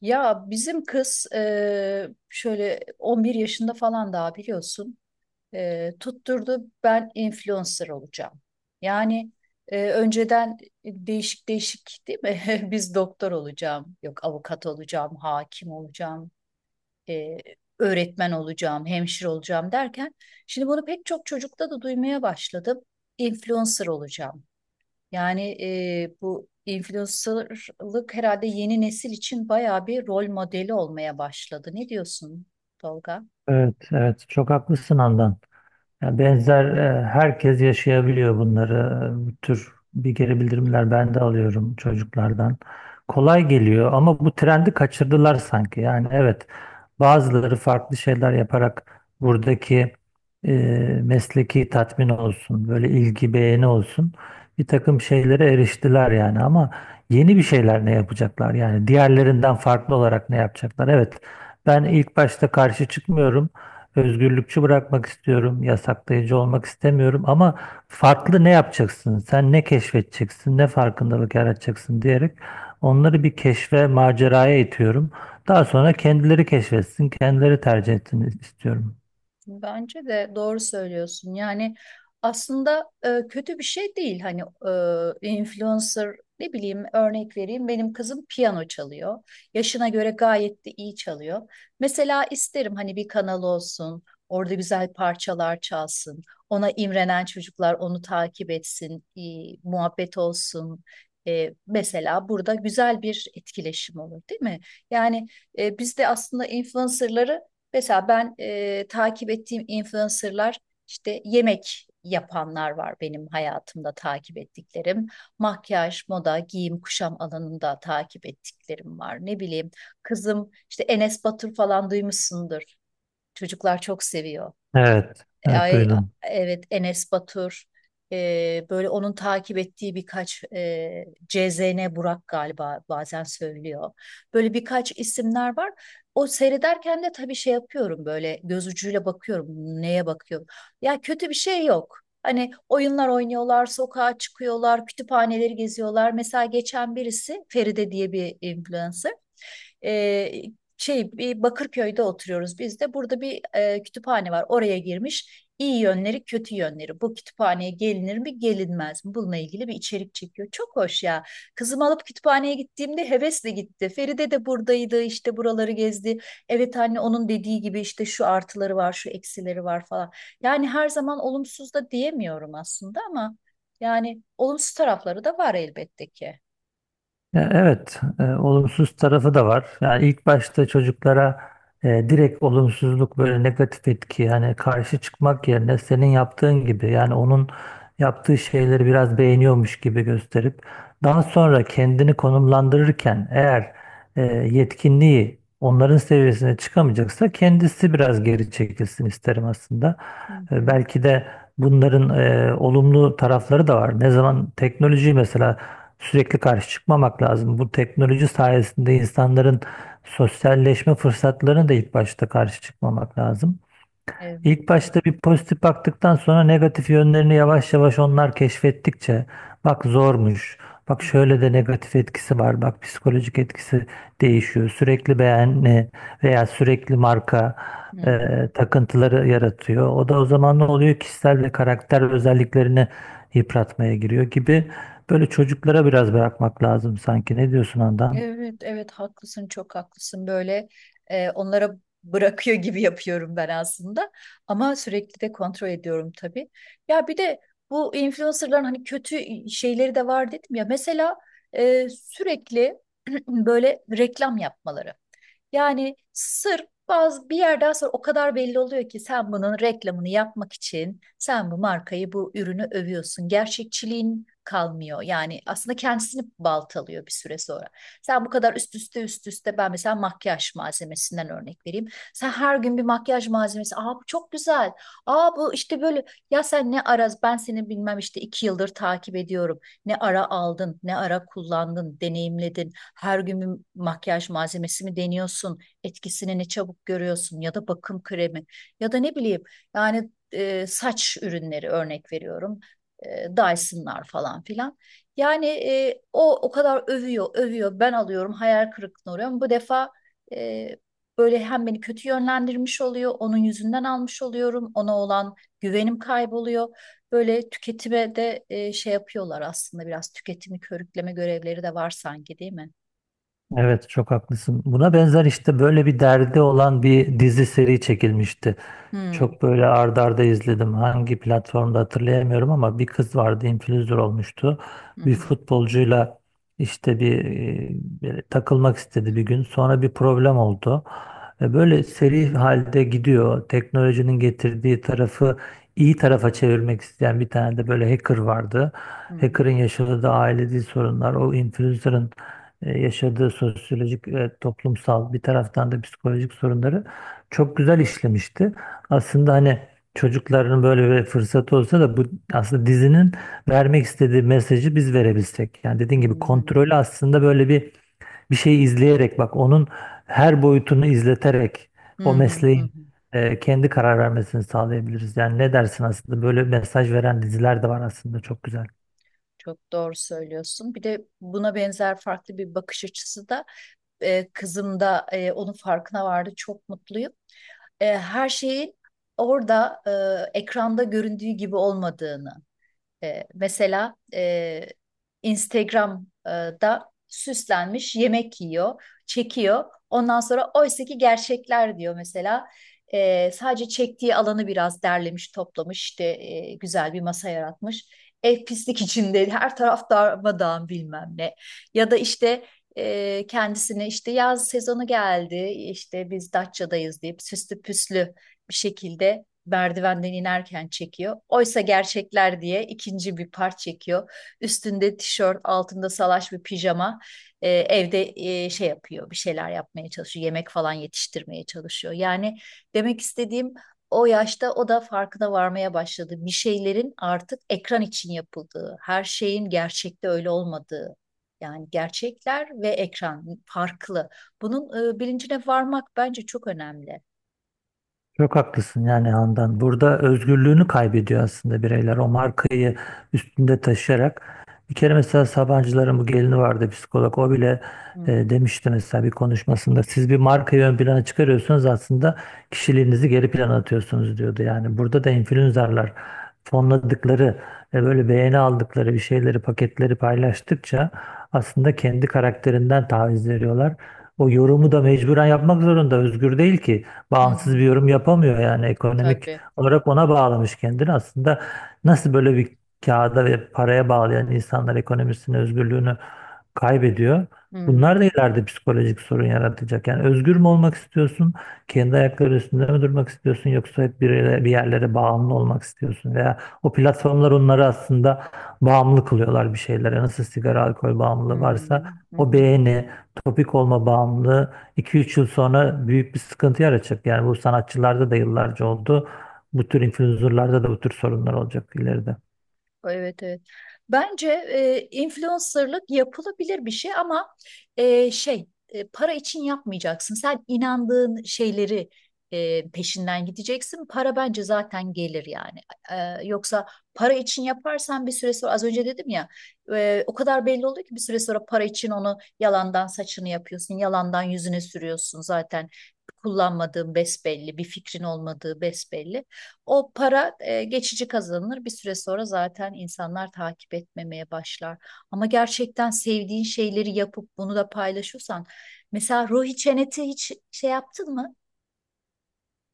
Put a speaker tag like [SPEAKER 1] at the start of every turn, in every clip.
[SPEAKER 1] Ya, bizim kız şöyle 11 yaşında falan daha biliyorsun. Tutturdu ben influencer olacağım. Yani Önceden değişik değişik, değil mi? Biz doktor olacağım, yok avukat olacağım, hakim olacağım, eee, öğretmen olacağım, hemşire olacağım derken şimdi bunu pek çok çocukta da duymaya başladım. Influencer olacağım. Yani Bu influencerlık herhalde yeni nesil için bayağı bir rol modeli olmaya başladı. Ne diyorsun Tolga?
[SPEAKER 2] Evet, evet çok haklısın Handan. Ya benzer herkes yaşayabiliyor bunları. Bu tür bir geri bildirimler ben de alıyorum çocuklardan. Kolay geliyor ama bu trendi kaçırdılar sanki. Yani evet, bazıları farklı şeyler yaparak buradaki e, mesleki tatmin olsun, böyle ilgi beğeni olsun, bir takım şeylere eriştiler yani. Ama yeni bir şeyler ne yapacaklar yani diğerlerinden farklı olarak ne yapacaklar? Evet, ben ilk başta karşı çıkmıyorum. Özgürlükçü bırakmak istiyorum, yasaklayıcı olmak istemiyorum ama farklı ne yapacaksın, sen ne keşfedeceksin, ne farkındalık yaratacaksın diyerek onları bir keşfe, maceraya itiyorum. Daha sonra kendileri keşfetsin, kendileri tercih etsin istiyorum.
[SPEAKER 1] Bence de doğru söylüyorsun. Yani, aslında kötü bir şey değil. Hani, influencer ne bileyim örnek vereyim. Benim kızım piyano çalıyor. Yaşına göre gayet de iyi çalıyor. Mesela isterim hani bir kanal olsun. Orada güzel parçalar çalsın. Ona imrenen çocuklar onu takip etsin. İyi muhabbet olsun. Mesela burada güzel bir etkileşim olur, değil mi? Yani, biz de aslında influencerları, mesela ben, takip ettiğim influencerlar işte yemek yapanlar var benim hayatımda takip ettiklerim. Makyaj, moda, giyim, kuşam alanında takip ettiklerim var. Ne bileyim, kızım işte Enes Batur falan duymuşsundur. Çocuklar çok seviyor.
[SPEAKER 2] Evet, evet
[SPEAKER 1] Ay,
[SPEAKER 2] duydum.
[SPEAKER 1] evet Enes Batur, böyle onun takip ettiği birkaç, CZN Burak galiba bazen söylüyor. Böyle birkaç isimler var. O seyrederken de tabii şey yapıyorum, böyle göz ucuyla bakıyorum neye bakıyorum. Ya kötü bir şey yok. Hani oyunlar oynuyorlar, sokağa çıkıyorlar, kütüphaneleri geziyorlar. Mesela geçen birisi Feride diye bir influencer e, bir Bakırköy'de oturuyoruz biz de. Burada bir kütüphane var. Oraya girmiş. İyi yönleri, kötü yönleri. Bu kütüphaneye gelinir mi, gelinmez mi? Bununla ilgili bir içerik çekiyor. Çok hoş ya. Kızımı alıp kütüphaneye gittiğimde hevesle gitti. Feride de buradaydı, işte buraları gezdi. Evet anne, onun dediği gibi işte şu artıları var, şu eksileri var falan. Yani her zaman olumsuz da diyemiyorum aslında ama yani olumsuz tarafları da var elbette ki.
[SPEAKER 2] Ya evet, olumsuz tarafı da var. Yani ilk başta çocuklara direkt olumsuzluk, böyle negatif etki yani karşı çıkmak yerine senin yaptığın gibi yani onun yaptığı şeyleri biraz beğeniyormuş gibi gösterip daha sonra kendini konumlandırırken eğer e, yetkinliği onların seviyesine çıkamayacaksa kendisi biraz geri çekilsin isterim aslında.
[SPEAKER 1] Hı
[SPEAKER 2] E,
[SPEAKER 1] hı.
[SPEAKER 2] belki de bunların olumlu tarafları da var. Ne zaman teknoloji mesela, sürekli karşı çıkmamak lazım. Bu teknoloji sayesinde insanların sosyalleşme fırsatlarına da ilk başta karşı çıkmamak lazım.
[SPEAKER 1] Evet,
[SPEAKER 2] İlk
[SPEAKER 1] evet.
[SPEAKER 2] başta bir pozitif baktıktan sonra negatif yönlerini yavaş yavaş onlar keşfettikçe bak zormuş, bak
[SPEAKER 1] Hı
[SPEAKER 2] şöyle de negatif etkisi var, bak psikolojik etkisi değişiyor. Sürekli beğeni veya sürekli marka
[SPEAKER 1] hı.
[SPEAKER 2] takıntıları yaratıyor. O da o zaman ne oluyor? Kişisel ve karakter özelliklerini yıpratmaya giriyor gibi. Böyle çocuklara biraz bırakmak lazım sanki. Ne diyorsun Handan?
[SPEAKER 1] Evet, evet haklısın, çok haklısın. Böyle onlara bırakıyor gibi yapıyorum ben aslında. Ama sürekli de kontrol ediyorum tabii. Ya bir de bu influencerların hani kötü şeyleri de var dedim ya. Mesela sürekli böyle reklam yapmaları. Yani sırf bazı bir yerden sonra o kadar belli oluyor ki sen bunun reklamını yapmak için sen bu markayı, bu ürünü övüyorsun. Gerçekçiliğin kalmıyor. Yani aslında kendisini baltalıyor bir süre sonra. Sen bu kadar üst üste ben mesela makyaj malzemesinden örnek vereyim. Sen her gün bir makyaj malzemesi. Aa bu çok güzel. Aa bu işte böyle. Ya sen ne ara, ben seni bilmem işte 2 yıldır takip ediyorum. Ne ara aldın, ne ara kullandın, deneyimledin, her gün bir makyaj malzemesi mi deniyorsun? Etkisini ne çabuk görüyorsun? Ya da bakım kremi ya da ne bileyim yani, saç ürünleri örnek veriyorum. Dyson'lar falan filan. Yani, o kadar övüyor, övüyor. Ben alıyorum, hayal kırıklığına uğruyorum. Bu defa e, böyle hem beni kötü yönlendirmiş oluyor, onun yüzünden almış oluyorum, ona olan güvenim kayboluyor. Böyle tüketime de şey yapıyorlar, aslında biraz tüketimi körükleme görevleri de var sanki, değil mi?
[SPEAKER 2] Evet, çok haklısın. Buna benzer işte böyle bir derdi olan bir dizi seri çekilmişti.
[SPEAKER 1] Hmm.
[SPEAKER 2] Çok böyle ardarda arda izledim. Hangi platformda hatırlayamıyorum ama bir kız vardı, influencer olmuştu.
[SPEAKER 1] Hı hı,
[SPEAKER 2] Bir futbolcuyla işte böyle takılmak istedi bir gün. Sonra bir problem oldu. E, böyle seri halde gidiyor. Teknolojinin getirdiği tarafı iyi tarafa çevirmek isteyen bir tane de böyle hacker vardı.
[SPEAKER 1] hı hı,
[SPEAKER 2] Hacker'ın yaşadığı da ailevi sorunlar, o influencer'ın yaşadığı sosyolojik ve toplumsal, bir taraftan da psikolojik sorunları çok güzel işlemişti. Aslında hani çocukların böyle bir fırsatı olsa da bu aslında dizinin vermek istediği mesajı biz verebilsek. Yani
[SPEAKER 1] hı
[SPEAKER 2] dediğin gibi
[SPEAKER 1] hı,
[SPEAKER 2] kontrolü aslında böyle bir şeyi izleyerek, bak onun her boyutunu izleterek o
[SPEAKER 1] hı hı, hı hı.
[SPEAKER 2] mesleğin kendi karar vermesini sağlayabiliriz. Yani ne dersin, aslında böyle mesaj veren diziler de var aslında, çok güzel.
[SPEAKER 1] Çok doğru söylüyorsun. Bir de buna benzer farklı bir bakış açısı da, kızım da, onun farkına vardı. Çok mutluyum. Her şeyin orada, ekranda göründüğü gibi olmadığını. Mesela Instagram'da süslenmiş yemek yiyor, çekiyor. Ondan sonra oysaki gerçekler diyor mesela. Sadece çektiği alanı biraz derlemiş, toplamış, işte güzel bir masa yaratmış. Ev pislik içinde, her taraf darmadağın bilmem ne. Ya da işte kendisine işte yaz sezonu geldi, işte biz Datça'dayız deyip süslü püslü bir şekilde merdivenden inerken çekiyor. Oysa gerçekler diye ikinci bir part çekiyor. Üstünde tişört, altında salaş bir pijama. Evde şey yapıyor, bir şeyler yapmaya çalışıyor. Yemek falan yetiştirmeye çalışıyor. Yani demek istediğim, o yaşta o da farkına varmaya başladı. Bir şeylerin artık ekran için yapıldığı, her şeyin gerçekte öyle olmadığı. Yani gerçekler ve ekran farklı. Bunun bilincine varmak bence çok önemli.
[SPEAKER 2] Çok haklısın yani Handan. Burada özgürlüğünü kaybediyor aslında bireyler. O markayı üstünde taşıyarak. Bir kere mesela Sabancıların bu gelini vardı, psikolog. O bile
[SPEAKER 1] Hmm.
[SPEAKER 2] demişti mesela bir konuşmasında. Siz bir markayı ön plana çıkarıyorsunuz, aslında kişiliğinizi geri plana atıyorsunuz diyordu. Yani burada da influencerlar fonladıkları, böyle beğeni aldıkları bir şeyleri, paketleri paylaştıkça aslında kendi karakterinden taviz veriyorlar. O yorumu da mecburen yapmak zorunda. Özgür değil ki,
[SPEAKER 1] Hı hı.
[SPEAKER 2] bağımsız bir yorum yapamıyor yani ekonomik
[SPEAKER 1] Tabii.
[SPEAKER 2] olarak ona bağlamış kendini. Aslında nasıl böyle bir kağıda ve paraya bağlayan insanlar ekonomisini, özgürlüğünü kaybediyor. Bunlar da
[SPEAKER 1] Hmm,
[SPEAKER 2] ileride psikolojik sorun yaratacak. Yani özgür mü olmak istiyorsun? Kendi ayakları üstünde mi durmak istiyorsun? Yoksa hep bir yerlere bağımlı olmak istiyorsun? Veya o platformlar onları aslında bağımlı kılıyorlar bir şeylere. Nasıl sigara, alkol bağımlılığı varsa
[SPEAKER 1] hmm, hı
[SPEAKER 2] o
[SPEAKER 1] hı.
[SPEAKER 2] beğeni, topik olma bağımlılığı 2 üç yıl sonra büyük bir sıkıntı yaratacak. Yani bu sanatçılarda da yıllarca oldu. Bu tür influencerlarda da bu tür sorunlar olacak ileride.
[SPEAKER 1] Evet, evet. Bence influencerlık yapılabilir bir şey ama para için yapmayacaksın. Sen inandığın şeyleri peşinden gideceksin. Para bence zaten gelir yani. Yoksa para için yaparsan bir süre sonra az önce dedim ya, o kadar belli oluyor ki bir süre sonra para için onu yalandan saçını yapıyorsun, yalandan yüzüne sürüyorsun, zaten kullanmadığın besbelli, bir fikrin olmadığı besbelli. O para geçici kazanılır. Bir süre sonra zaten insanlar takip etmemeye başlar. Ama gerçekten sevdiğin şeyleri yapıp bunu da paylaşırsan, mesela Ruhi Çenet'i hiç şey yaptın mı?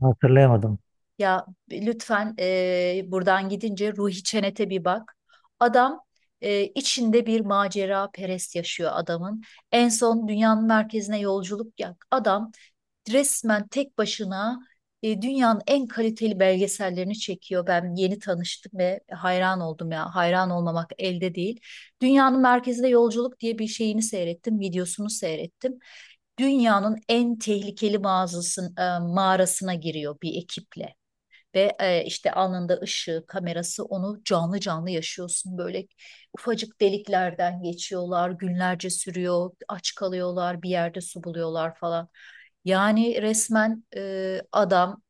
[SPEAKER 2] Hatırlayamadım.
[SPEAKER 1] Ya lütfen, buradan gidince Ruhi Çenet'e bir bak. Adam, içinde bir macera perest yaşıyor adamın. En son dünyanın merkezine yolculuk yap. Adam resmen tek başına, dünyanın en kaliteli belgesellerini çekiyor. Ben yeni tanıştım ve hayran oldum ya. Hayran olmamak elde değil. Dünyanın Merkezinde Yolculuk diye bir şeyini seyrettim, videosunu seyrettim. Dünyanın en tehlikeli mağazasının mağarasına giriyor bir ekiple. Ve işte alnında ışığı, kamerası, onu canlı canlı yaşıyorsun. Böyle ufacık deliklerden geçiyorlar, günlerce sürüyor, aç kalıyorlar, bir yerde su buluyorlar falan. Yani resmen e, adam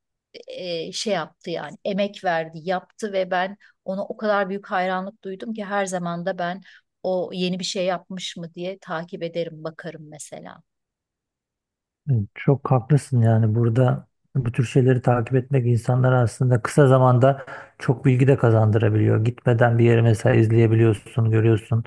[SPEAKER 1] e, şey yaptı, yani emek verdi, yaptı ve ben ona o kadar büyük hayranlık duydum ki her zaman da ben o yeni bir şey yapmış mı diye takip ederim, bakarım mesela.
[SPEAKER 2] Evet, çok haklısın yani burada bu tür şeyleri takip etmek insanlara aslında kısa zamanda çok bilgi de kazandırabiliyor. Gitmeden bir yere mesela izleyebiliyorsun, görüyorsun.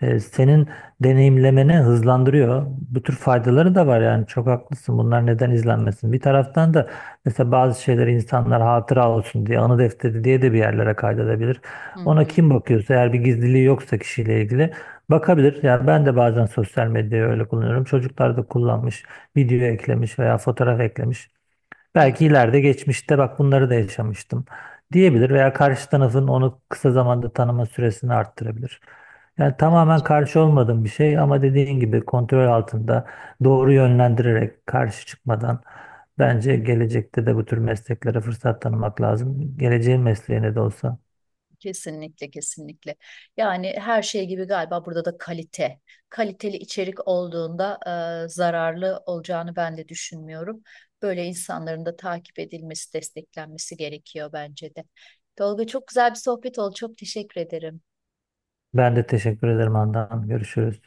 [SPEAKER 2] Senin deneyimlemeni hızlandırıyor. Bu tür faydaları da var yani, çok haklısın. Bunlar neden izlenmesin? Bir taraftan da mesela bazı şeyleri insanlar hatıra olsun diye, anı defteri diye de bir yerlere kaydedebilir.
[SPEAKER 1] Hı
[SPEAKER 2] Ona
[SPEAKER 1] hı,
[SPEAKER 2] kim bakıyorsa eğer bir gizliliği yoksa kişiyle ilgili bakabilir. Yani ben de bazen sosyal medyayı öyle kullanıyorum. Çocuklar da kullanmış, video eklemiş veya fotoğraf eklemiş.
[SPEAKER 1] hı.
[SPEAKER 2] Belki ileride geçmişte bak bunları da yaşamıştım diyebilir veya karşı tarafın onu kısa zamanda tanıma süresini arttırabilir. Yani tamamen
[SPEAKER 1] Bence de.
[SPEAKER 2] karşı olmadığım bir şey ama dediğin gibi kontrol altında doğru yönlendirerek, karşı çıkmadan bence gelecekte de bu tür mesleklere fırsat tanımak lazım. Geleceğin mesleğine de olsa.
[SPEAKER 1] Kesinlikle, kesinlikle. Yani her şey gibi galiba burada da kalite. Kaliteli içerik olduğunda zararlı olacağını ben de düşünmüyorum. Böyle insanların da takip edilmesi, desteklenmesi gerekiyor bence de. Tolga çok güzel bir sohbet oldu. Çok teşekkür ederim.
[SPEAKER 2] Ben de teşekkür ederim Handan. Görüşürüz.